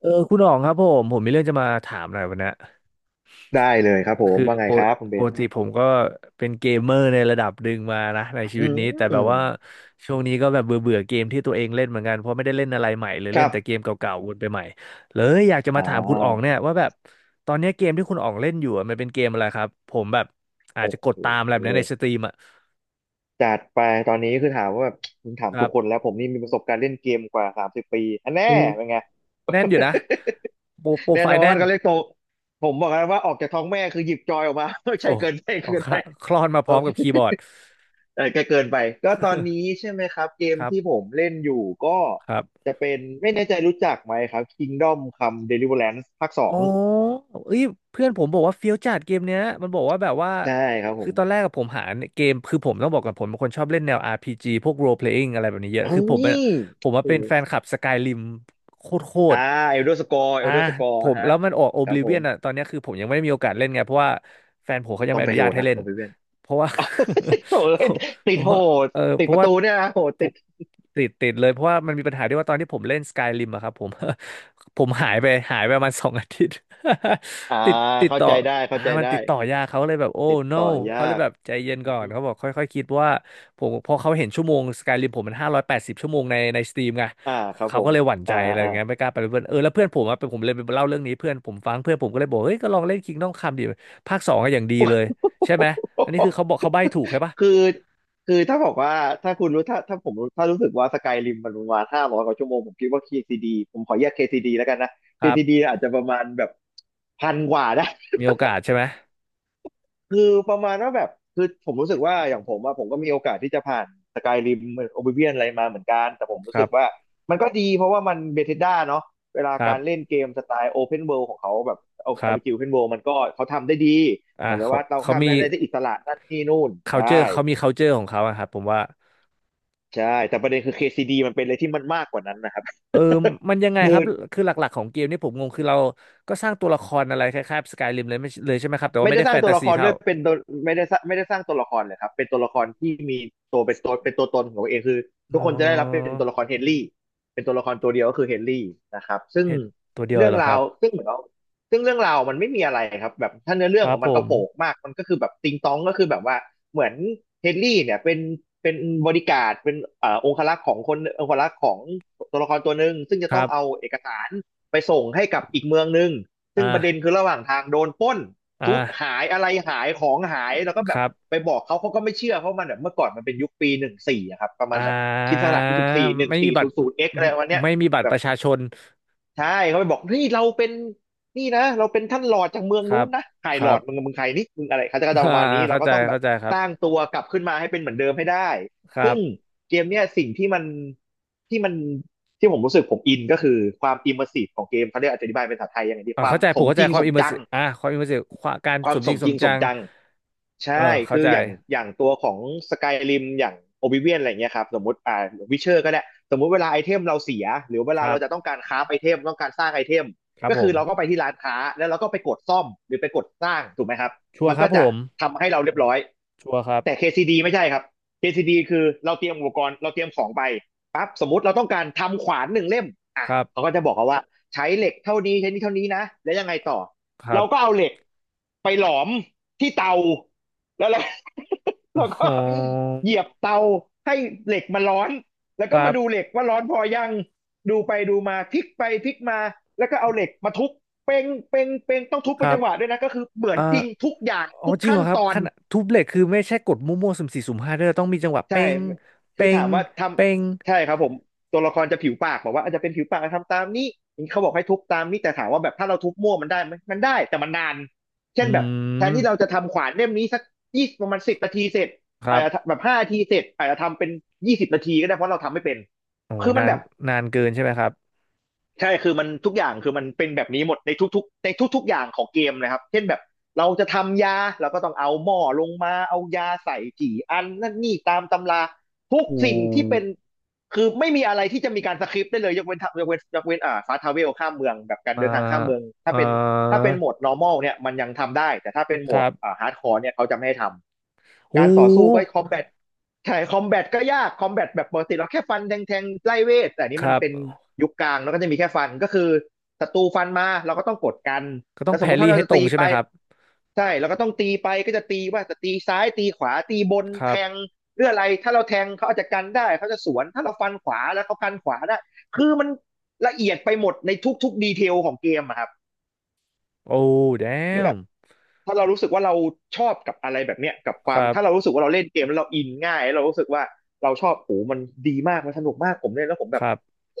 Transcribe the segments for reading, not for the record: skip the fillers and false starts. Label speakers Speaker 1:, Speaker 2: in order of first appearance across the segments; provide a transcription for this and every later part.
Speaker 1: เออคุณอ๋องครับผมมีเรื่องจะมาถามหน่อยวันเนี้ย
Speaker 2: ได้เลยครับผม
Speaker 1: คือ
Speaker 2: ว่าไง
Speaker 1: ป
Speaker 2: ค
Speaker 1: ก
Speaker 2: รับคุณเบ
Speaker 1: ป
Speaker 2: น
Speaker 1: กติผมก็เป็นเกมเมอร์ในระดับหนึ่งมานะในชี
Speaker 2: อื
Speaker 1: วิตนี้แต่
Speaker 2: ม
Speaker 1: แบบว่าช่วงนี้ก็แบบเบื่อเบื่อเกมที่ตัวเองเล่นเหมือนกันเพราะไม่ได้เล่นอะไรใหม่เลย
Speaker 2: ค
Speaker 1: เล่
Speaker 2: รั
Speaker 1: น
Speaker 2: บ
Speaker 1: แต่เกมเก่าๆวนไปใหม่เลยอยากจะ
Speaker 2: อ่
Speaker 1: มาถามคุณอ๋อง
Speaker 2: า
Speaker 1: เนี่ยว่าแบบตอนเนี้ยเกมที่คุณอ๋องเล่นอยู่อะมันเป็นเกมอะไรครับผมแบบอาจ
Speaker 2: โอ้
Speaker 1: จะกดตามอะไรแบบนี้ใน
Speaker 2: โห
Speaker 1: สตรีมอ่ะ
Speaker 2: จัดไปตอนนี้คือถามว่าแบบคุณถาม
Speaker 1: ครั
Speaker 2: ทุกคน
Speaker 1: บ
Speaker 2: แล้วผมนี่มีประสบการณ์เล่นเกมกว่าสามสิบปีอันแน่
Speaker 1: โอื
Speaker 2: เป็นไง
Speaker 1: แน่นอยู่นะโปรโปร
Speaker 2: แน่
Speaker 1: ไฟ
Speaker 2: น
Speaker 1: ล์
Speaker 2: อ
Speaker 1: แน่
Speaker 2: น
Speaker 1: น
Speaker 2: เขาเรียกโตผมบอกแล้วว่าออกจากท้องแม่คือหยิบจอยออกมา ไม่ใช่
Speaker 1: โอ้
Speaker 2: เกินไป
Speaker 1: ออก
Speaker 2: เกินไป
Speaker 1: ค่ะคลอนมาพ
Speaker 2: โอ
Speaker 1: ร้อม
Speaker 2: เค
Speaker 1: กับคีย์บอร์ด
Speaker 2: เออแกเกินไปก็ตอนนี้ใช่ไหมครับเกม
Speaker 1: ค
Speaker 2: ที่ผ
Speaker 1: ร
Speaker 2: มเล่นอยู่ก็
Speaker 1: ับ
Speaker 2: จะเป็นไม่แน่ใจรู้จักไหมครับ Kingdom Come Deliverance ภาคส
Speaker 1: อ๋
Speaker 2: อ
Speaker 1: อ
Speaker 2: ง
Speaker 1: เอ้ยเพื่อนผมบอกว่าเฟี้ยวจัดเกมเนี้ยมันบอกว่าแบบว่า
Speaker 2: ใช่ครับผ
Speaker 1: คือ
Speaker 2: ม
Speaker 1: ตอนแรกกับผมหาเกมคือผมต้องบอกกับผมเป็นคนชอบเล่นแนว RPG พจีพวก role playing อะไรแบบนี้เยอะ
Speaker 2: เฮ้
Speaker 1: คือผม
Speaker 2: ย
Speaker 1: เป็นผมว่า
Speaker 2: โอ้
Speaker 1: เป็นแฟน
Speaker 2: โห
Speaker 1: คลับ Skyrim โคตรโค
Speaker 2: อ่า
Speaker 1: ตร
Speaker 2: เอลเดอร์สกอร์เอ
Speaker 1: อ่า
Speaker 2: ลเดอร์สกอร์
Speaker 1: ผม
Speaker 2: ฮะ
Speaker 1: แล้วมันออก
Speaker 2: ครับผ
Speaker 1: Oblivion
Speaker 2: ม
Speaker 1: อ่ะตอนเนี้ยคือผมยังไม่ได้มีโอกาสเล่นไงเพราะว่าแฟนผมเขายัง
Speaker 2: ต้อ
Speaker 1: ไม่
Speaker 2: ง
Speaker 1: อ
Speaker 2: ไป
Speaker 1: นุ
Speaker 2: โด
Speaker 1: ญาต
Speaker 2: น
Speaker 1: ให้
Speaker 2: นะ
Speaker 1: เล่
Speaker 2: โอ
Speaker 1: น
Speaker 2: เบเว่น
Speaker 1: เพราะว่า
Speaker 2: อ้า โถ่
Speaker 1: เพ
Speaker 2: เอ้ย
Speaker 1: ราะ
Speaker 2: ติ
Speaker 1: เพ
Speaker 2: ด
Speaker 1: ราะ
Speaker 2: โห
Speaker 1: ว่า
Speaker 2: ด
Speaker 1: เออ
Speaker 2: ติ
Speaker 1: เพ
Speaker 2: ดป
Speaker 1: ราะ
Speaker 2: ระ
Speaker 1: ว่า
Speaker 2: ตูเนี่ยนะโหด
Speaker 1: ผ
Speaker 2: ติด
Speaker 1: มติดเลยเพราะว่ามันมีปัญหาที่ว่าตอนที่ผมเล่น Skyrim อะครับผม ผมหายไปประมาณ 2 อาทิตย์
Speaker 2: อ่า
Speaker 1: ติดติด
Speaker 2: เข้า
Speaker 1: ต่อ
Speaker 2: ใจได้เข้า
Speaker 1: อ่า
Speaker 2: ใจ
Speaker 1: มัน
Speaker 2: ได้
Speaker 1: ติดต่อยากเขาเลยแบบโอ้
Speaker 2: ติด
Speaker 1: no
Speaker 2: ต่อ
Speaker 1: เขาเล
Speaker 2: ยา
Speaker 1: ย
Speaker 2: ก
Speaker 1: แบบใจเย็น
Speaker 2: อื
Speaker 1: ก่
Speaker 2: อ
Speaker 1: อน
Speaker 2: ฮึ
Speaker 1: เขาบอกค่อยๆคิดเพราะว่าผมพอเขาเห็นชั่วโมง Skyrim ผมมัน580 ชั่วโมงในสตีมไง
Speaker 2: อ่าครับ
Speaker 1: เขา
Speaker 2: ผ
Speaker 1: ก็
Speaker 2: ม
Speaker 1: เลยหวั่นใจ
Speaker 2: อ่า
Speaker 1: อะ
Speaker 2: อ่า
Speaker 1: ไร
Speaker 2: อ่า
Speaker 1: เงี้ยไม่กล้าไปเป็นเพื่อนเออแล้วเพื่อนผมอะเป็นผมเลยไปเล่าเรื่องนี้เพื่อนผมฟังเพื่อนผมก็เลยบอกเฮ้ยก็ลองเล่น Kingdom Come ดิภาค 2อะอย่างดีเลยใช่ไหมอันนี้คือเขาบอกเขาใบ้ถูกใช่ปะ
Speaker 2: คือคือถ้าบอกว่าถ้าคุณรู้ถ้าผมรู้ถ้ารู้สึกว่าสกายริมมันประมาณห้าร้อยกว่าชั่วโมงผมคิดว่า KCD ผมขอแยก KCD แล้วกันนะ
Speaker 1: ครั
Speaker 2: KCD
Speaker 1: บ
Speaker 2: อาจจะประมาณแบบพันกว่าได้
Speaker 1: มีโอกาสใช่ไหม
Speaker 2: คือประมาณว่าแบบคือผมรู้สึกว่าอย่างผมอะผมก็มีโอกาสที่จะผ่านสกายริมโอบิเวียนอะไรมาเหมือนกันแต่ผม
Speaker 1: ค
Speaker 2: รู้สึ
Speaker 1: รั
Speaker 2: กว่า
Speaker 1: บ
Speaker 2: มันก็ดีเพราะว่ามันเบเธสด a เนาะเวลา
Speaker 1: ครั
Speaker 2: การเล่น
Speaker 1: บ
Speaker 2: เกมสไตล์โอเพนเวิลด์ของเขาแบบเอา
Speaker 1: ค
Speaker 2: ไอา
Speaker 1: รั
Speaker 2: ร์พีจีโอเพ
Speaker 1: บ
Speaker 2: นเวิมันก็เขาทำได้ดี
Speaker 1: อ่า
Speaker 2: เหมือน
Speaker 1: เขา
Speaker 2: ว่าเรา
Speaker 1: เขา
Speaker 2: ทำ
Speaker 1: มี
Speaker 2: ได้อะไรได้อิสระนั่นนี่นู่นใช่
Speaker 1: culture เขามี culture ของเขาอะครับผมว่า
Speaker 2: ใช่แต่ประเด็นคือ KCD มันเป็นอะไรที่มันมากกว่านั้นนะครับ
Speaker 1: เออมันยัง ไง
Speaker 2: คื
Speaker 1: ค
Speaker 2: อ
Speaker 1: รับคือหลักๆของเกมนี่ผมงงคือเราก็สร้างตัวละครอะไรคล้ายๆสกายริมเลยไม่เลยใช่ไหมครับแต่ว่า
Speaker 2: ไม่
Speaker 1: ไม่
Speaker 2: ได้
Speaker 1: ได้
Speaker 2: สร้า
Speaker 1: แฟ
Speaker 2: ง
Speaker 1: น
Speaker 2: ตัว
Speaker 1: ตา
Speaker 2: ละ
Speaker 1: ซี
Speaker 2: ครด้
Speaker 1: เท่า
Speaker 2: วยเป็นตัวไม่ได้สร้างตัวละครเลยครับเป็นตัวละครที่มีตัวเป็นตัวเป็นตัวตนของตัวเองคือ
Speaker 1: อ๋
Speaker 2: ทุกคนจะได้รับ
Speaker 1: อ
Speaker 2: เป็นตัวละครเฮนรี่เป็นตัวละครตัวเดียวก็คือเฮนรี่นะครับซึ่ง
Speaker 1: เห็นตัวเดียวเล
Speaker 2: เรื่อ
Speaker 1: ย
Speaker 2: ง
Speaker 1: เหรอค
Speaker 2: รา
Speaker 1: รั
Speaker 2: ว
Speaker 1: บ
Speaker 2: ซึ่งเหมือนเราซึ่งเรื่องราวมันไม่มีอะไรครับแบบถ้าเนื้อเรื่
Speaker 1: ค
Speaker 2: องข
Speaker 1: รั
Speaker 2: อ
Speaker 1: บ
Speaker 2: ง
Speaker 1: ผ
Speaker 2: มันกระ
Speaker 1: ม
Speaker 2: โปงมากมันก็คือแบบติงตองก็คือแบบว่าเหมือนเฮนรี่เนี่ยเป็นบริการดเป็นองครักษ์ของคนองครักษ์ของตัวละครตัวหนึ่งซึ่งจะ
Speaker 1: ค
Speaker 2: ต้
Speaker 1: รั
Speaker 2: องเอา
Speaker 1: บ
Speaker 2: เอกสารไปส่งให้กับอีกเมืองหนึ่ง
Speaker 1: อ่
Speaker 2: ซึ่งประเด็นคือ
Speaker 1: า
Speaker 2: ระหว่างทางโดนปล้น
Speaker 1: อ
Speaker 2: ชุด
Speaker 1: ่า
Speaker 2: หายอะไรหายของหายแล้วก็
Speaker 1: ค
Speaker 2: แบบ
Speaker 1: รั
Speaker 2: ไป
Speaker 1: บ
Speaker 2: บอกเขาเขาก็ไม่เชื่อเพราะมันแบบเมื่อก่อนมันเป็นยุคปีหนึ่งสี่อะครับประมา
Speaker 1: อ่
Speaker 2: ณแบบคริดส
Speaker 1: า
Speaker 2: ลักราชที่สิบสี่หนึ่ง
Speaker 1: ไม่มี
Speaker 2: สี่
Speaker 1: บั
Speaker 2: ศู
Speaker 1: ตร
Speaker 2: นย์ศูนย์เอ็กอะไรวันเนี้ย
Speaker 1: ไม่มีบัตร
Speaker 2: แบ
Speaker 1: ป
Speaker 2: บ
Speaker 1: ระชาชน
Speaker 2: ใช่เขาไปบอกนี่เราเป็นนี่นะเราเป็นท่านหลอดจากเมือง
Speaker 1: ครั
Speaker 2: นู้
Speaker 1: บ
Speaker 2: นนะใคร
Speaker 1: ค
Speaker 2: หล
Speaker 1: รั
Speaker 2: อ
Speaker 1: บ
Speaker 2: ดมึงมึงใครนี่มึงอะไรเขาจะก็จะป
Speaker 1: อ่า
Speaker 2: ระมาณนี้เรา
Speaker 1: เข้า
Speaker 2: ก็
Speaker 1: ใจ
Speaker 2: ต้องแบบ
Speaker 1: เข้าใจครั
Speaker 2: สร้าง
Speaker 1: บ
Speaker 2: ตัวกลับขึ้นมาให้เป็นเหมือนเดิมให้ได้
Speaker 1: ครั
Speaker 2: ซึ่ง
Speaker 1: บ
Speaker 2: เกมเนี้ยสิ่งที่มันที่ผมรู้สึกผมอินก็คือความอิมเมอร์ซีฟของเกมเขาเรียกอธิบายเป็นภาษาไทยยังไงดี
Speaker 1: อ่า
Speaker 2: ความ
Speaker 1: เข้าใจ
Speaker 2: ส
Speaker 1: ผม
Speaker 2: ม
Speaker 1: เข้า
Speaker 2: จ
Speaker 1: ใจ
Speaker 2: ริง
Speaker 1: ควา
Speaker 2: ส
Speaker 1: ม
Speaker 2: ม
Speaker 1: อิมเมอร์
Speaker 2: จัง
Speaker 1: ซีอ่าความอิมเมอร์ซีการ
Speaker 2: ควา
Speaker 1: ส
Speaker 2: ม
Speaker 1: ม
Speaker 2: ส
Speaker 1: จริ
Speaker 2: ม
Speaker 1: งส
Speaker 2: จริ
Speaker 1: ม
Speaker 2: งส
Speaker 1: จั
Speaker 2: ม
Speaker 1: ง
Speaker 2: จัง
Speaker 1: เออ
Speaker 2: ใช่
Speaker 1: เข้า
Speaker 2: คือ
Speaker 1: ใจ
Speaker 2: อย่างตัวของสกายริมอย่างโอบิเวียนอะไรเงี้ยครับสมมติอ่าวิเชอร์ก็ได้สมมุติเวลาไอเทมเราเสียหรือเว
Speaker 1: ค
Speaker 2: ลา
Speaker 1: รั
Speaker 2: เรา
Speaker 1: บ
Speaker 2: จะต้องการคราฟไอเทมต้องการสร้างไอเทม
Speaker 1: ครับ
Speaker 2: ก็
Speaker 1: ผ
Speaker 2: คือ
Speaker 1: ม
Speaker 2: เราก็ไปที่ร้านค้าแล้วเราก็ไปกดซ่อมหรือไปกดสร้างถูกไหมครับ
Speaker 1: ชัว
Speaker 2: มั
Speaker 1: ร์
Speaker 2: น
Speaker 1: ค
Speaker 2: ก็
Speaker 1: รับผ
Speaker 2: จะ
Speaker 1: ม
Speaker 2: ทำให้เราเรียบร้อย
Speaker 1: ชัวร์ครับ
Speaker 2: แต่ KCD ไม่ใช่ครับ KCD คซีดีคือเราเตรียมอุปกรณ์เราเตรียมของไปปั๊บสมมติเราต้องการทำขวานหนึ่งเล่มอ่ะ
Speaker 1: ครับ
Speaker 2: เขาก็จะบอกเราว่าใช้เหล็กเท่านี้ใช้นี่เท่านี้นะแล้วยังไงต่อ
Speaker 1: ครั
Speaker 2: เราก็
Speaker 1: บ
Speaker 2: เอาเหล็กไปหลอมที่เตาแล้วเรา เราก็
Speaker 1: อ๋อ
Speaker 2: เหยียบเตาให้เหล็กมันร้อนแล้ว
Speaker 1: ค
Speaker 2: ก็
Speaker 1: รั
Speaker 2: มาดูเหล็
Speaker 1: บ
Speaker 2: กว่าร้อนพอยังดูไปดูมาพลิกไปพลิกมาแล้วก็เอาเหล็กมาทุบเป้งเป้งเป้งต้องทุบ
Speaker 1: ค
Speaker 2: เป็น
Speaker 1: รั
Speaker 2: จั
Speaker 1: บ
Speaker 2: งหวะด้วยนะก็คือเหมือน
Speaker 1: อ่า
Speaker 2: จริงทุกอย่าง
Speaker 1: อ๋อ
Speaker 2: ทุก
Speaker 1: จริงเหร
Speaker 2: ขั้น
Speaker 1: อครับ
Speaker 2: ตอ
Speaker 1: ข
Speaker 2: น
Speaker 1: นาดทุบเหล็กคือไม่ใช่กดมั่วๆสุ่มสี่สุ่มห้าด้วยต้องมีจังหวะเป้
Speaker 2: ใช่
Speaker 1: ง
Speaker 2: คื
Speaker 1: เป้
Speaker 2: อถา
Speaker 1: ง
Speaker 2: มว่าท
Speaker 1: เป้ง
Speaker 2: ำใช่ครับผมตัวละครจะผิวปากบอกว่าอาจจะเป็นผิวปากทำตามนี้เขาบอกให้ทุบตามนี้แต่ถามว่าแบบถ้าเราทุบมั่วมันได้ไหมมันได้แต่มันนานเช่
Speaker 1: อื
Speaker 2: นแบบแทนที่เรา
Speaker 1: ม
Speaker 2: จะทำขวานเล่มนี้สักยี่ประมาณสิบนาทีเสร็จ
Speaker 1: ครั
Speaker 2: อาจจะ
Speaker 1: บ
Speaker 2: แบบห้านาทีเสร็จอาจจะทำเป็นยี่สิบนาทีก็ได้เพราะเราทำไม่เป็น
Speaker 1: โอ้โห
Speaker 2: คือมั
Speaker 1: นา
Speaker 2: น
Speaker 1: น
Speaker 2: แบบ
Speaker 1: นานเกินใช่ไหมครับ
Speaker 2: ใช่คือมันทุกอย่างคือมันเป็นแบบนี้หมดในทุกๆในทุกๆอย่างของเกมนะครับเช่นแบบเราจะทำยาเราก็ต้องเอาหม้อลงมาเอายาใส่กี่อันนั่นนี่ตามตำราทุก
Speaker 1: โอ้
Speaker 2: สิ่งที่
Speaker 1: ม
Speaker 2: เป็นคือไม่มีอะไรที่จะมีการสคริปต์ได้เลยยกเว้นทยกเว้นยกเว้นฟาทาเวลข้ามเมืองแบบการ
Speaker 1: อ่า
Speaker 2: เดินทางข้ามเมืองถ้า
Speaker 1: อ่
Speaker 2: เป็น ถ้า
Speaker 1: า
Speaker 2: เป็นโหมด normal เนี่ยมันยังทำได้แต่ถ้าเป็นโหม
Speaker 1: ครั
Speaker 2: ด
Speaker 1: บ
Speaker 2: hardcore เนี่ยเขาจะไม่ให้ทำ
Speaker 1: โอ้
Speaker 2: การต่อสู้ก็ combat ใช่คอมแบทก็ยากคอมแบทแบบปกติเราแค่ฟันแทงแทงไล่เวทแต่อันนี้
Speaker 1: ค
Speaker 2: มัน
Speaker 1: รับ
Speaker 2: เป็นยุคกลางแล้วก็จะมีแค่ฟันก็คือศัตรูฟันมาเราก็ต้องกดกัน
Speaker 1: ก็ต้อ
Speaker 2: แล้
Speaker 1: ง
Speaker 2: วส
Speaker 1: แพ
Speaker 2: มมุ
Speaker 1: ร
Speaker 2: ติ
Speaker 1: รี่
Speaker 2: ถ้าเรา
Speaker 1: ให้
Speaker 2: จะ
Speaker 1: ตร
Speaker 2: ตี
Speaker 1: งใช่
Speaker 2: ไป
Speaker 1: ไหมครับ
Speaker 2: ใช่เราก็ต้องตีไปก็จะตีว่าจะตีซ้ายตีขวาตีบน
Speaker 1: ครั
Speaker 2: แท
Speaker 1: บ
Speaker 2: งเรื่องอะไรถ้าเราแทงเขาอาจจะกันได้เขาจะสวนถ้าเราฟันขวาแล้วเขากันขวาได้คือมันละเอียดไปหมดในทุกๆดีเทลของเกมอะครับ
Speaker 1: โอ้
Speaker 2: คือแบบ
Speaker 1: damn
Speaker 2: ถ้าเรารู้สึกว่าเราชอบกับอะไรแบบเนี้ยกับค
Speaker 1: ค
Speaker 2: วาม
Speaker 1: รั
Speaker 2: ถ้าเรา
Speaker 1: บ
Speaker 2: รู้สึกว่าเราเล่นเกมแล้วเราอินง่ายแล้วเรารู้สึกว่าเราชอบโหมันดีมากมันสนุกมากผมเล่นแล้วผม
Speaker 1: ค
Speaker 2: แบบ
Speaker 1: รับ
Speaker 2: โห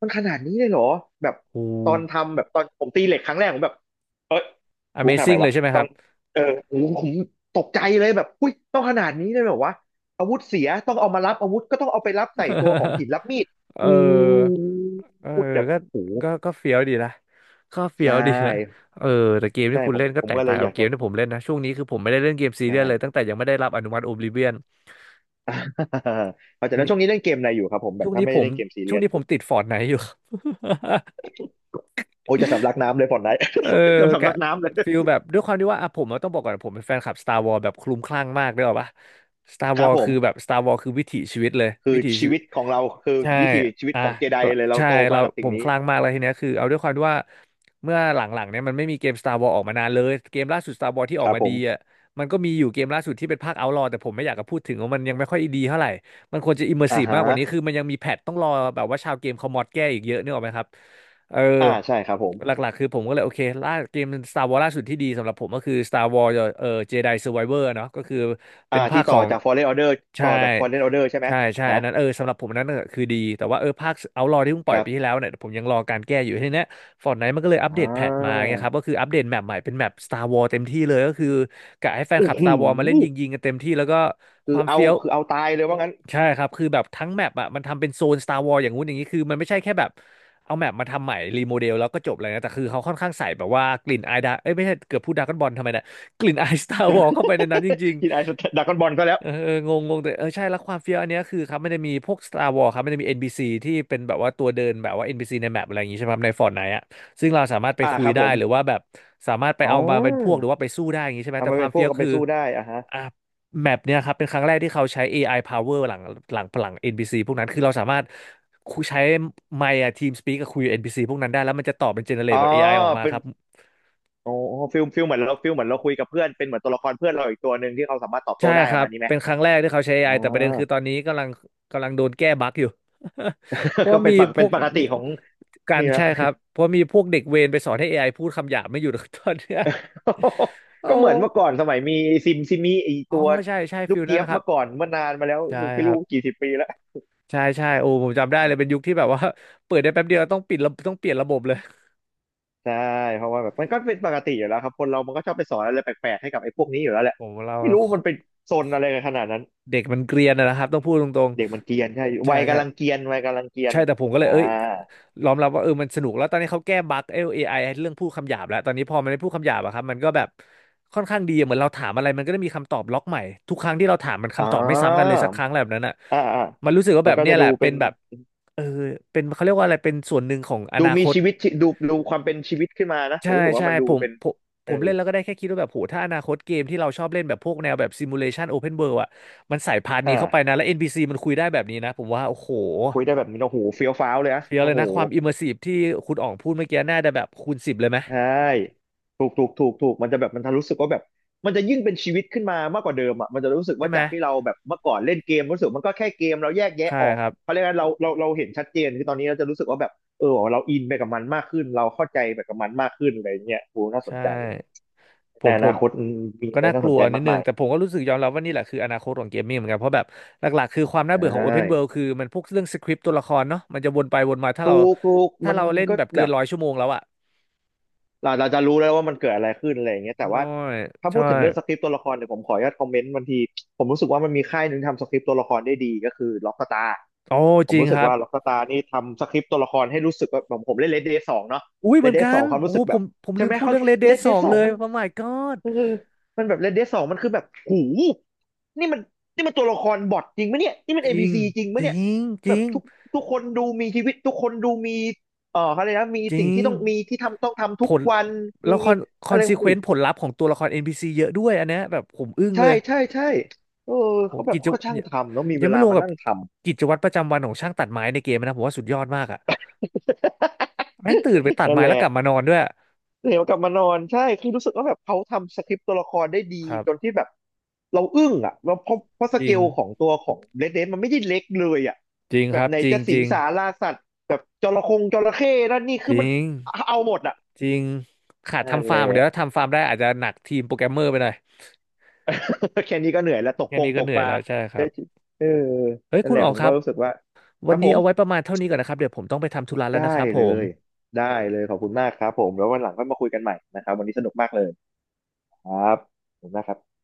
Speaker 2: มันขนาดนี้เลยเหรอแบบ
Speaker 1: โอ้
Speaker 2: ตอนทำแบบตอนผมตีเหล็กครั้งแรกผมแบบเอ้ยกูต้องทำไง
Speaker 1: Amazing เลย
Speaker 2: วะ
Speaker 1: ใช่ไหมค
Speaker 2: ต้อ
Speaker 1: รั
Speaker 2: ง
Speaker 1: บ
Speaker 2: เออโหผมตกใจเลยแบบอุ้ยต้องขนาดนี้เลยเหรอวะอาวุธเสียต้องเอามารับอาวุธก็ต้องเอาไปรับใส่ตัวของหิ นรับมีด
Speaker 1: เอ
Speaker 2: อู
Speaker 1: อเออ
Speaker 2: พูดแบบ
Speaker 1: ก็
Speaker 2: โห
Speaker 1: ก็ก็เฟี้ยวดีนะก็
Speaker 2: ใช
Speaker 1: เฟี้ยวดีนะ
Speaker 2: ่
Speaker 1: เออแต่เกม
Speaker 2: ใช่
Speaker 1: ที่คุณ
Speaker 2: ผม
Speaker 1: เล่นก็
Speaker 2: ผม
Speaker 1: แตก
Speaker 2: ก็เล
Speaker 1: ต่า
Speaker 2: ย
Speaker 1: ง
Speaker 2: อ
Speaker 1: กับ
Speaker 2: ยาก
Speaker 1: เก
Speaker 2: จะ
Speaker 1: มที่ผมเล่นนะช่วงนี้คือผมไม่ได้เล่นเกมซี
Speaker 2: ใช่
Speaker 1: เรียสเลยตั้งแต่ยังไม่ได้รับอนุมัติ Oblivion
Speaker 2: อ่าเข้าใจ
Speaker 1: ช่วง
Speaker 2: แล้ว
Speaker 1: นี้
Speaker 2: ช่วงนี้เล่นเกมอะไรอยู่ครับผมแบ
Speaker 1: ช่
Speaker 2: บ
Speaker 1: วง
Speaker 2: ถ้า
Speaker 1: นี้
Speaker 2: ไม่
Speaker 1: ผ
Speaker 2: ได้
Speaker 1: ม
Speaker 2: เล่นเกมซีเรี
Speaker 1: ช่ว
Speaker 2: ย
Speaker 1: ง
Speaker 2: ส
Speaker 1: นี้ผมติดฟอร์ n ไน e อยู่ครับ
Speaker 2: โอ้ยจะสำลักน้ำเลยผ่อนไหน
Speaker 1: เออ
Speaker 2: เกือบ สำ
Speaker 1: กะ
Speaker 2: ลักน้ำเลย
Speaker 1: ฟิลแบบด้วยความที่ว่าอ่ะผมอะต้องบอกก่อนผมเป็นแฟนคลับ Star Wars แบบคลุ้มคลั่งมากด้วยหรอปะ Star
Speaker 2: ครับ
Speaker 1: Wars
Speaker 2: ผ
Speaker 1: คือแบบ
Speaker 2: ม
Speaker 1: Star Wars คือวิถีชีวิตเลย
Speaker 2: คือ
Speaker 1: วิถีชี
Speaker 2: ชี
Speaker 1: วิต
Speaker 2: วิตของเราคือ
Speaker 1: ใช่
Speaker 2: วิถีชีวิต
Speaker 1: อ่ะ
Speaker 2: ของเจไดเลยเรา
Speaker 1: ใช่
Speaker 2: โตมา
Speaker 1: เรา
Speaker 2: กับ
Speaker 1: ผ
Speaker 2: สิ่ง
Speaker 1: มค
Speaker 2: นี้
Speaker 1: ลั่งมากเลยทีเนี้ยคือเอาด้วยความที่ว่าเมื่อหลังๆเนี่ยมันไม่มีเกม Star Wars ออกมานานเลยเกมล่าสุด Star Wars ที่อ
Speaker 2: ค
Speaker 1: อก
Speaker 2: รับ
Speaker 1: มา
Speaker 2: ผ
Speaker 1: ดี
Speaker 2: ม
Speaker 1: อ่ะมันก็มีอยู่เกมล่าสุดที่เป็นภาค Outlaw แต่ผมไม่อยากจะพูดถึงว่ามันยังไม่ค่อยดีเท่าไหร่มันควรจะ
Speaker 2: อ่า
Speaker 1: immersive
Speaker 2: ฮะ
Speaker 1: มากกว่านี้คือมันยังมีแพทต้องรอแบบว่าชาวเกมเขามอดแก้อีกเยอะนึกออกไหมครับเออ
Speaker 2: อ่าใช่ครับผม
Speaker 1: หลักๆคือผมก็เลยโอเคล่าเกม Star Wars ล่าสุดที่ดีสำหรับผมก็คือ Star Wars เอ่อ Jedi Survivor เนาะก็คือ
Speaker 2: อ่า
Speaker 1: เป็นภา
Speaker 2: ที่
Speaker 1: คข
Speaker 2: ต่อ
Speaker 1: อง
Speaker 2: จาก Fallen Order ต่
Speaker 1: ใช่
Speaker 2: อจาก Fallen Order ใช่ไหม
Speaker 1: ใช่
Speaker 2: ฮะ
Speaker 1: อันนั้นเออสำหรับผมอันนั้นน่ะคือดีแต่ว่าเออภาค Outlaw ที่เพิ่งป
Speaker 2: ค
Speaker 1: ล่อย
Speaker 2: รั
Speaker 1: ปีที่แล้ว
Speaker 2: บ
Speaker 1: เนี่ยผมยังรอการแก้อยู่ทีเนี้ย Fortnite มันก็เลยอัป
Speaker 2: อ่
Speaker 1: เดตแพทมาเงี
Speaker 2: า
Speaker 1: ยครับก็คืออัปเดตแมปใหม่เป็นแมป Star Wars เต็มที่เลยก็คือกะให้แฟนค
Speaker 2: โอ้
Speaker 1: ลับ
Speaker 2: โห
Speaker 1: Star Wars มาเล่นยิงๆกันเต็มที่แล้วก็ค
Speaker 2: คือ
Speaker 1: วาม
Speaker 2: เอา
Speaker 1: เฟี้ยว
Speaker 2: คือเอาตายเลยว่างั้น
Speaker 1: ใช่ครับคือแบบทั้งแมปอ่ะมันทำเป็นโซน Star Wars อย่างงู้นอย่างนี้คือมันไม่ใช่แค่แบบเอาแมปมาทำใหม่รีโมเดลแล้วก็จบเลยนะแต่คือเขาค่อนข้างใส่แบบว่ากลิ่นอายดาเอ้ยไม่ใช่เกือบพูดดราก้อนบอลทำไมเนะกลิ่นอาย Star Wars เข้าไปในนั้นจริง
Speaker 2: กินไอซ์ดากอนบอลก็แล้ว
Speaker 1: เออเอองงงงแต่เออใช่แล้วความเฟี้ยวอันเนี้ยคือครับมันจะมีพวก Star Wars ครับมันจะมี NPC ที่เป็นแบบว่าตัวเดินแบบว่า NPC ในแมปอะไรอย่างงี้ใช่ไหมครับใน Fortnite อ่ะซึ่งเราสามารถไป
Speaker 2: อ่า
Speaker 1: คุ
Speaker 2: ค
Speaker 1: ย
Speaker 2: รับผ
Speaker 1: ได้หรือ
Speaker 2: ม
Speaker 1: ว่าแบบสามารถไป
Speaker 2: อ๋
Speaker 1: เอามาเป็นพวกห
Speaker 2: อ
Speaker 1: รือว่าไปสู้ได้อย่างงี้ใช่ไหม
Speaker 2: เอา
Speaker 1: แต่
Speaker 2: มา
Speaker 1: ค
Speaker 2: เป็
Speaker 1: วา
Speaker 2: น
Speaker 1: ม
Speaker 2: พว
Speaker 1: เฟี้
Speaker 2: ก
Speaker 1: ยว
Speaker 2: เอาไป
Speaker 1: คือ
Speaker 2: สู้ได้อ่ะฮะ
Speaker 1: อ่ะแมปเนี้ยครับเป็นครั้งแรกที่เขาใช้ AI power หลัง NPC พซีพวกนั้นคือเราสามารถคุยใช้ไมค์อะทีมสปีกกับคุยกับ NPC พซีพวกนั้นได้แล้วมันจะตอบเป็นเจเนเร
Speaker 2: อ๋
Speaker 1: ต
Speaker 2: อ
Speaker 1: แบบเอไอออกมา
Speaker 2: เป็น
Speaker 1: ครับ
Speaker 2: โอ้ฟิลฟิลเหมือนเราฟิลเหมือนเราคุยกับเพื่อนเป็นเหมือนตัวละครเพื่อนเราอีกตัวหนึ่งที่เขาสามารถตอบโต้
Speaker 1: ใช่
Speaker 2: ได้
Speaker 1: ค
Speaker 2: ป
Speaker 1: รั
Speaker 2: ระ
Speaker 1: บ
Speaker 2: มาณนี้ไหม
Speaker 1: เป็นครั้งแรกที่เขาใช้เอไอ
Speaker 2: อ่
Speaker 1: แต่ประเด็น
Speaker 2: า
Speaker 1: คือตอนนี้กำลังโดนแก้บั๊กอยู่ เพ ราะ
Speaker 2: ก็
Speaker 1: มีพ
Speaker 2: เป็
Speaker 1: ว
Speaker 2: น
Speaker 1: ก
Speaker 2: ปก
Speaker 1: มี
Speaker 2: ติของ
Speaker 1: การ
Speaker 2: นี่นะ
Speaker 1: ใช่ครับเพราะมีพวกเด็กเวรไปสอนให้ AI พูดคำหยาบไม่หยุด ตอนเนี้ย โอ้
Speaker 2: ก็เหมือนเมื่อก่อนสมัยมีซิมซิมีไอ
Speaker 1: อ๋อ
Speaker 2: ตัว
Speaker 1: ใช่ใช่
Speaker 2: ลู
Speaker 1: ฟิ
Speaker 2: ก
Speaker 1: ลนั้
Speaker 2: เจี๊
Speaker 1: น
Speaker 2: ยบ
Speaker 1: นะครั
Speaker 2: เมื่
Speaker 1: บ
Speaker 2: อก่อนเมื่อนานมาแล้ว
Speaker 1: ใช่
Speaker 2: ไม่
Speaker 1: ครั
Speaker 2: รู้
Speaker 1: บ
Speaker 2: กี่สิบปีแล้ว
Speaker 1: ใช่ใช่โอ้ผมจำได้
Speaker 2: อ่
Speaker 1: เลยเป็
Speaker 2: า
Speaker 1: นยุคที่แบบว่า เปิดได้แป๊บเดียวต้องปิดระต้องเปลี่ยนระบบเลย
Speaker 2: ใช่เพราะว่าแบบมันก็เป็นปกติอยู่แล้วครับคนเรามันก็ชอบไปสอนอะไรแปลกๆให้กับไอ้พวกนี้อยู่แล้วแหละ
Speaker 1: ผมเรา
Speaker 2: ไม่รู้มันเป็นโซนอะไรกันขนาดนั้น
Speaker 1: เด็กมันเกรียนอะนะครับต้องพูดตรง
Speaker 2: เด็กมันเกรียนใช่
Speaker 1: ๆใช่
Speaker 2: วัย
Speaker 1: ใช่
Speaker 2: กำลังเกรียนวัยกำลังเกรียน
Speaker 1: ใช่แต่ผมก็
Speaker 2: อ่า
Speaker 1: เลยเอ้ยยอมรับว่าเออมันสนุกแล้วตอนนี้เขาแก้บั๊กเอ AI เรื่องพูดคำหยาบแล้วตอนนี้พอมันไม่พูดคำหยาบอะครับมันก็แบบค่อนข้างดีเหมือนเราถามอะไรมันก็ได้มีคำตอบล็อกใหม่ทุกครั้งที่เราถามมัน
Speaker 2: อ๋อ
Speaker 1: คำตอบไม่ซ้ำกันเลยสักครั้งอะไรแบบนั้นอะ
Speaker 2: อ่าอ่า
Speaker 1: มันรู้สึกว่า
Speaker 2: มั
Speaker 1: แบ
Speaker 2: น
Speaker 1: บ
Speaker 2: ก็
Speaker 1: เนี่
Speaker 2: จะ
Speaker 1: ยแห
Speaker 2: ดู
Speaker 1: ละ
Speaker 2: เป็
Speaker 1: เป็น
Speaker 2: น
Speaker 1: แบบเออเป็นเขาเรียกว่าอะไรเป็นส่วนหนึ่งของอ
Speaker 2: ดู
Speaker 1: นาค
Speaker 2: มี
Speaker 1: ต
Speaker 2: ชีวิตชีดูดูความเป็นชีวิตขึ้นมานะผ
Speaker 1: ใช่
Speaker 2: มรู้สึกว่า
Speaker 1: ใช่
Speaker 2: มันดู
Speaker 1: ผม
Speaker 2: เป็น
Speaker 1: ผมผ
Speaker 2: เอ
Speaker 1: ม
Speaker 2: อ
Speaker 1: เล่นแล้วก็ได้แค่คิดว่าแบบโหถ้าอนาคตเกมที่เราชอบเล่นแบบพวกแนวแบบซิมูเลชันโอเพนเวิลด์อะมันใส่พาร์ทนี้
Speaker 2: อ่า
Speaker 1: เข้าไปนะแล้ว NPC มันคุยได้แบบนี้นะผมว่าโอ้โห
Speaker 2: คุยได้แบบนี้โอ้โหเฟี้ยวฟ้าวเลยอะ
Speaker 1: เฟี้ยว
Speaker 2: โอ้
Speaker 1: เลย
Speaker 2: โห
Speaker 1: นะความอิมเมอร์ซีฟที่คุณอ๋องพูดเมื่อกี้น่าจะแบบคูณสิบเลยไหม
Speaker 2: ใช่ถูกถูกถูกถูกมันจะแบบมันจะรู้สึกว่าแบบมันจะยิ่งเป็นชีวิตขึ้นมามากกว่าเดิมอ่ะมันจะรู้สึก
Speaker 1: ใช่
Speaker 2: ว่า
Speaker 1: ไหม
Speaker 2: จากที่เราแบบเมื่อก่อนเล่นเกมรู้สึกมันก็แค่เกมเราแยกแยะ
Speaker 1: ใช่
Speaker 2: ออก
Speaker 1: ครับ
Speaker 2: เพราะฉะนั้นเราเห็นชัดเจนคือตอนนี้เราจะรู้สึกว่าแบบเออเราอินไปกับมันมากขึ้นเราเข้าใจไปกับมันมากขึ้นอะไรเงี้ยโอ้น่าส
Speaker 1: ใช่
Speaker 2: นใจว่ะ
Speaker 1: ผ
Speaker 2: ใน
Speaker 1: ม
Speaker 2: อ
Speaker 1: ผ
Speaker 2: นา
Speaker 1: ม
Speaker 2: คตมี
Speaker 1: ก็
Speaker 2: อะไร
Speaker 1: น่าก
Speaker 2: น่าส
Speaker 1: ลั
Speaker 2: น
Speaker 1: ว
Speaker 2: ใจ
Speaker 1: นิด
Speaker 2: มาก
Speaker 1: นึง
Speaker 2: มาย
Speaker 1: แต่ผมก็รู้สึกยอมรับว่านี่แหละคืออนาคตของเกมมิ่งเหมือนกันเพราะแบบหลักๆคือความน่า
Speaker 2: ใช
Speaker 1: เบื่อของ Open World
Speaker 2: ่
Speaker 1: คือมันพวกเรื่องสคริปต์ตัวละครเนาะมันจะวนไปวนมาถ้าเรา
Speaker 2: ถูกถูก
Speaker 1: ถ้า
Speaker 2: มัน
Speaker 1: เราเล่น
Speaker 2: ก็
Speaker 1: แบบ
Speaker 2: แบ
Speaker 1: เกิน
Speaker 2: บ
Speaker 1: ร้อยชั่วโมงแล้วอะ
Speaker 2: เราเราจะรู้แล้วว่ามันเกิดอะไรขึ้นอะไรอย่างเงี้ยแต่
Speaker 1: ใช่
Speaker 2: ว่าถ้าพู
Speaker 1: ใช่
Speaker 2: ดถึงเรื่องสคริปต์ตัวละครเนี่ยผมขออนุญาตคอมเมนต์บางทีผมรู้สึกว่ามันมีค่ายหนึ่งทำสคริปต์ตัวละครได้ดีก็คือล็อกสตา
Speaker 1: โอ้
Speaker 2: ผ
Speaker 1: จ
Speaker 2: ม
Speaker 1: ริง
Speaker 2: รู้สึ
Speaker 1: ค
Speaker 2: ก
Speaker 1: รับ
Speaker 2: ว่าล็อกสตานี่ทำสคริปต์ตัวละครให้รู้สึกว่าผมเล่นเลดเดย์สองเนาะ
Speaker 1: อุ้ย
Speaker 2: เล
Speaker 1: เหมื
Speaker 2: ด
Speaker 1: อน
Speaker 2: เด
Speaker 1: กั
Speaker 2: ย์สอ
Speaker 1: น
Speaker 2: งความ
Speaker 1: โอ้
Speaker 2: รู้สึกแบ
Speaker 1: ผ
Speaker 2: บ
Speaker 1: มผม
Speaker 2: ใช่
Speaker 1: ลื
Speaker 2: ไห
Speaker 1: ม
Speaker 2: ม
Speaker 1: พูด
Speaker 2: เขา
Speaker 1: เรื่อง Red
Speaker 2: เล
Speaker 1: Dead
Speaker 2: ด
Speaker 1: ส
Speaker 2: เด
Speaker 1: อ
Speaker 2: ย์
Speaker 1: ง
Speaker 2: สอ
Speaker 1: เล
Speaker 2: ง
Speaker 1: ย
Speaker 2: มัน
Speaker 1: Oh my god
Speaker 2: เออมันแบบเลดเดย์สองมันคือแบบหูนี่มันนี่มันตัวละครบอทจริงไหมเนี่ยนี่มัน
Speaker 1: จ
Speaker 2: เอ
Speaker 1: ริ
Speaker 2: บี
Speaker 1: ง
Speaker 2: ซีจริงไหม
Speaker 1: จ
Speaker 2: เนี่ย
Speaker 1: ริงจ
Speaker 2: แบ
Speaker 1: ริ
Speaker 2: บ
Speaker 1: ง
Speaker 2: ทุกคนดูมีชีวิตทุกคนดูมี เออเขาเลยกนะมี
Speaker 1: จ
Speaker 2: สิ่
Speaker 1: ริ
Speaker 2: งที่
Speaker 1: ง
Speaker 2: ต้องมีที่ทำต้องทำ
Speaker 1: ผ
Speaker 2: ทุก
Speaker 1: ล
Speaker 2: วัน
Speaker 1: แล้
Speaker 2: มี
Speaker 1: วคอนคอ
Speaker 2: อะ
Speaker 1: น
Speaker 2: ไร
Speaker 1: ซีเคว
Speaker 2: หู
Speaker 1: นต์ผลลัพธ์ของตัวละคร NPC เยอะด้วยอันเนี้ยแบบผมอึ้งเล
Speaker 2: ใช่
Speaker 1: ย
Speaker 2: ใช่ใช่เออ
Speaker 1: โอ้
Speaker 2: เขาแบบ
Speaker 1: กิจ
Speaker 2: เขาก็
Speaker 1: วัตร
Speaker 2: ช่าง
Speaker 1: ยัง
Speaker 2: ทำแล้วมีเว
Speaker 1: ยังไม่
Speaker 2: ลา
Speaker 1: รวม
Speaker 2: มา
Speaker 1: กับ
Speaker 2: นั่งทำ
Speaker 1: กิจวัตรประจำวันของช่างตัดไม้ในเกมนะผมว่าสุดยอดมากอ่ะแม่งตื่นไป ตัด
Speaker 2: นั่น
Speaker 1: ไม้
Speaker 2: แห
Speaker 1: แล้ว
Speaker 2: ละ
Speaker 1: กลับมานอนด้วย
Speaker 2: เดี๋ยวกลับมานอนใช่คือรู้สึกว่าแบบเขาทำสคริปต์ตัวละครได้ดี
Speaker 1: ครั
Speaker 2: จน
Speaker 1: บ
Speaker 2: ที่แบบเราอึ้งอ่ะเราเพราะส
Speaker 1: จ
Speaker 2: เก
Speaker 1: ริง
Speaker 2: ลของตัวของเ d ด a นมันไม่ได้เล็กเลยอ่ะ
Speaker 1: จริง
Speaker 2: แบ
Speaker 1: ค
Speaker 2: บ
Speaker 1: รับ
Speaker 2: ไหน
Speaker 1: จริง
Speaker 2: จะ
Speaker 1: จ
Speaker 2: สิง
Speaker 1: ริง
Speaker 2: สาราสัตว์แบบจระเข้นั่นนี่
Speaker 1: จ
Speaker 2: คือมั
Speaker 1: ริ
Speaker 2: น
Speaker 1: ง
Speaker 2: เอาหมดอ่ะ
Speaker 1: จริงขาด
Speaker 2: นั่น
Speaker 1: ทำ
Speaker 2: แห
Speaker 1: ฟา
Speaker 2: ละ
Speaker 1: ร์มเดี๋ยวถ้าทำฟาร์มได้อาจจะหนักทีมโปรแกรมเมอร์ไปหน่อย
Speaker 2: แค่นี้ก็เหนื่อยแล้ว
Speaker 1: แค่นี้
Speaker 2: ต
Speaker 1: ก็
Speaker 2: ก
Speaker 1: เหนื่อ
Speaker 2: ป
Speaker 1: ย
Speaker 2: ลา
Speaker 1: แล้วใช่ครั
Speaker 2: เอ้ย
Speaker 1: บ
Speaker 2: เออ
Speaker 1: เฮ้ย
Speaker 2: นั่น
Speaker 1: คุ
Speaker 2: แห
Speaker 1: ณ
Speaker 2: ละ
Speaker 1: ออ
Speaker 2: ผ
Speaker 1: ก
Speaker 2: ม
Speaker 1: ครั
Speaker 2: ก็
Speaker 1: บ
Speaker 2: รู้สึกว่าค
Speaker 1: วั
Speaker 2: รั
Speaker 1: น
Speaker 2: บผ
Speaker 1: นี้
Speaker 2: ม
Speaker 1: เอาไว้ประมาณเท่านี้ก่อนนะครับเดี๋ยวผมต้องไปทำธุระแล้วนะ
Speaker 2: ได้
Speaker 1: ครับผ
Speaker 2: เล
Speaker 1: ม
Speaker 2: ยได้เลยขอบคุณมากครับผมแล้ววันหลังค่อยมาคุยกันใหม่นะครับวันนี้สนุกมากเลยครับ ขอบคุณมากครับ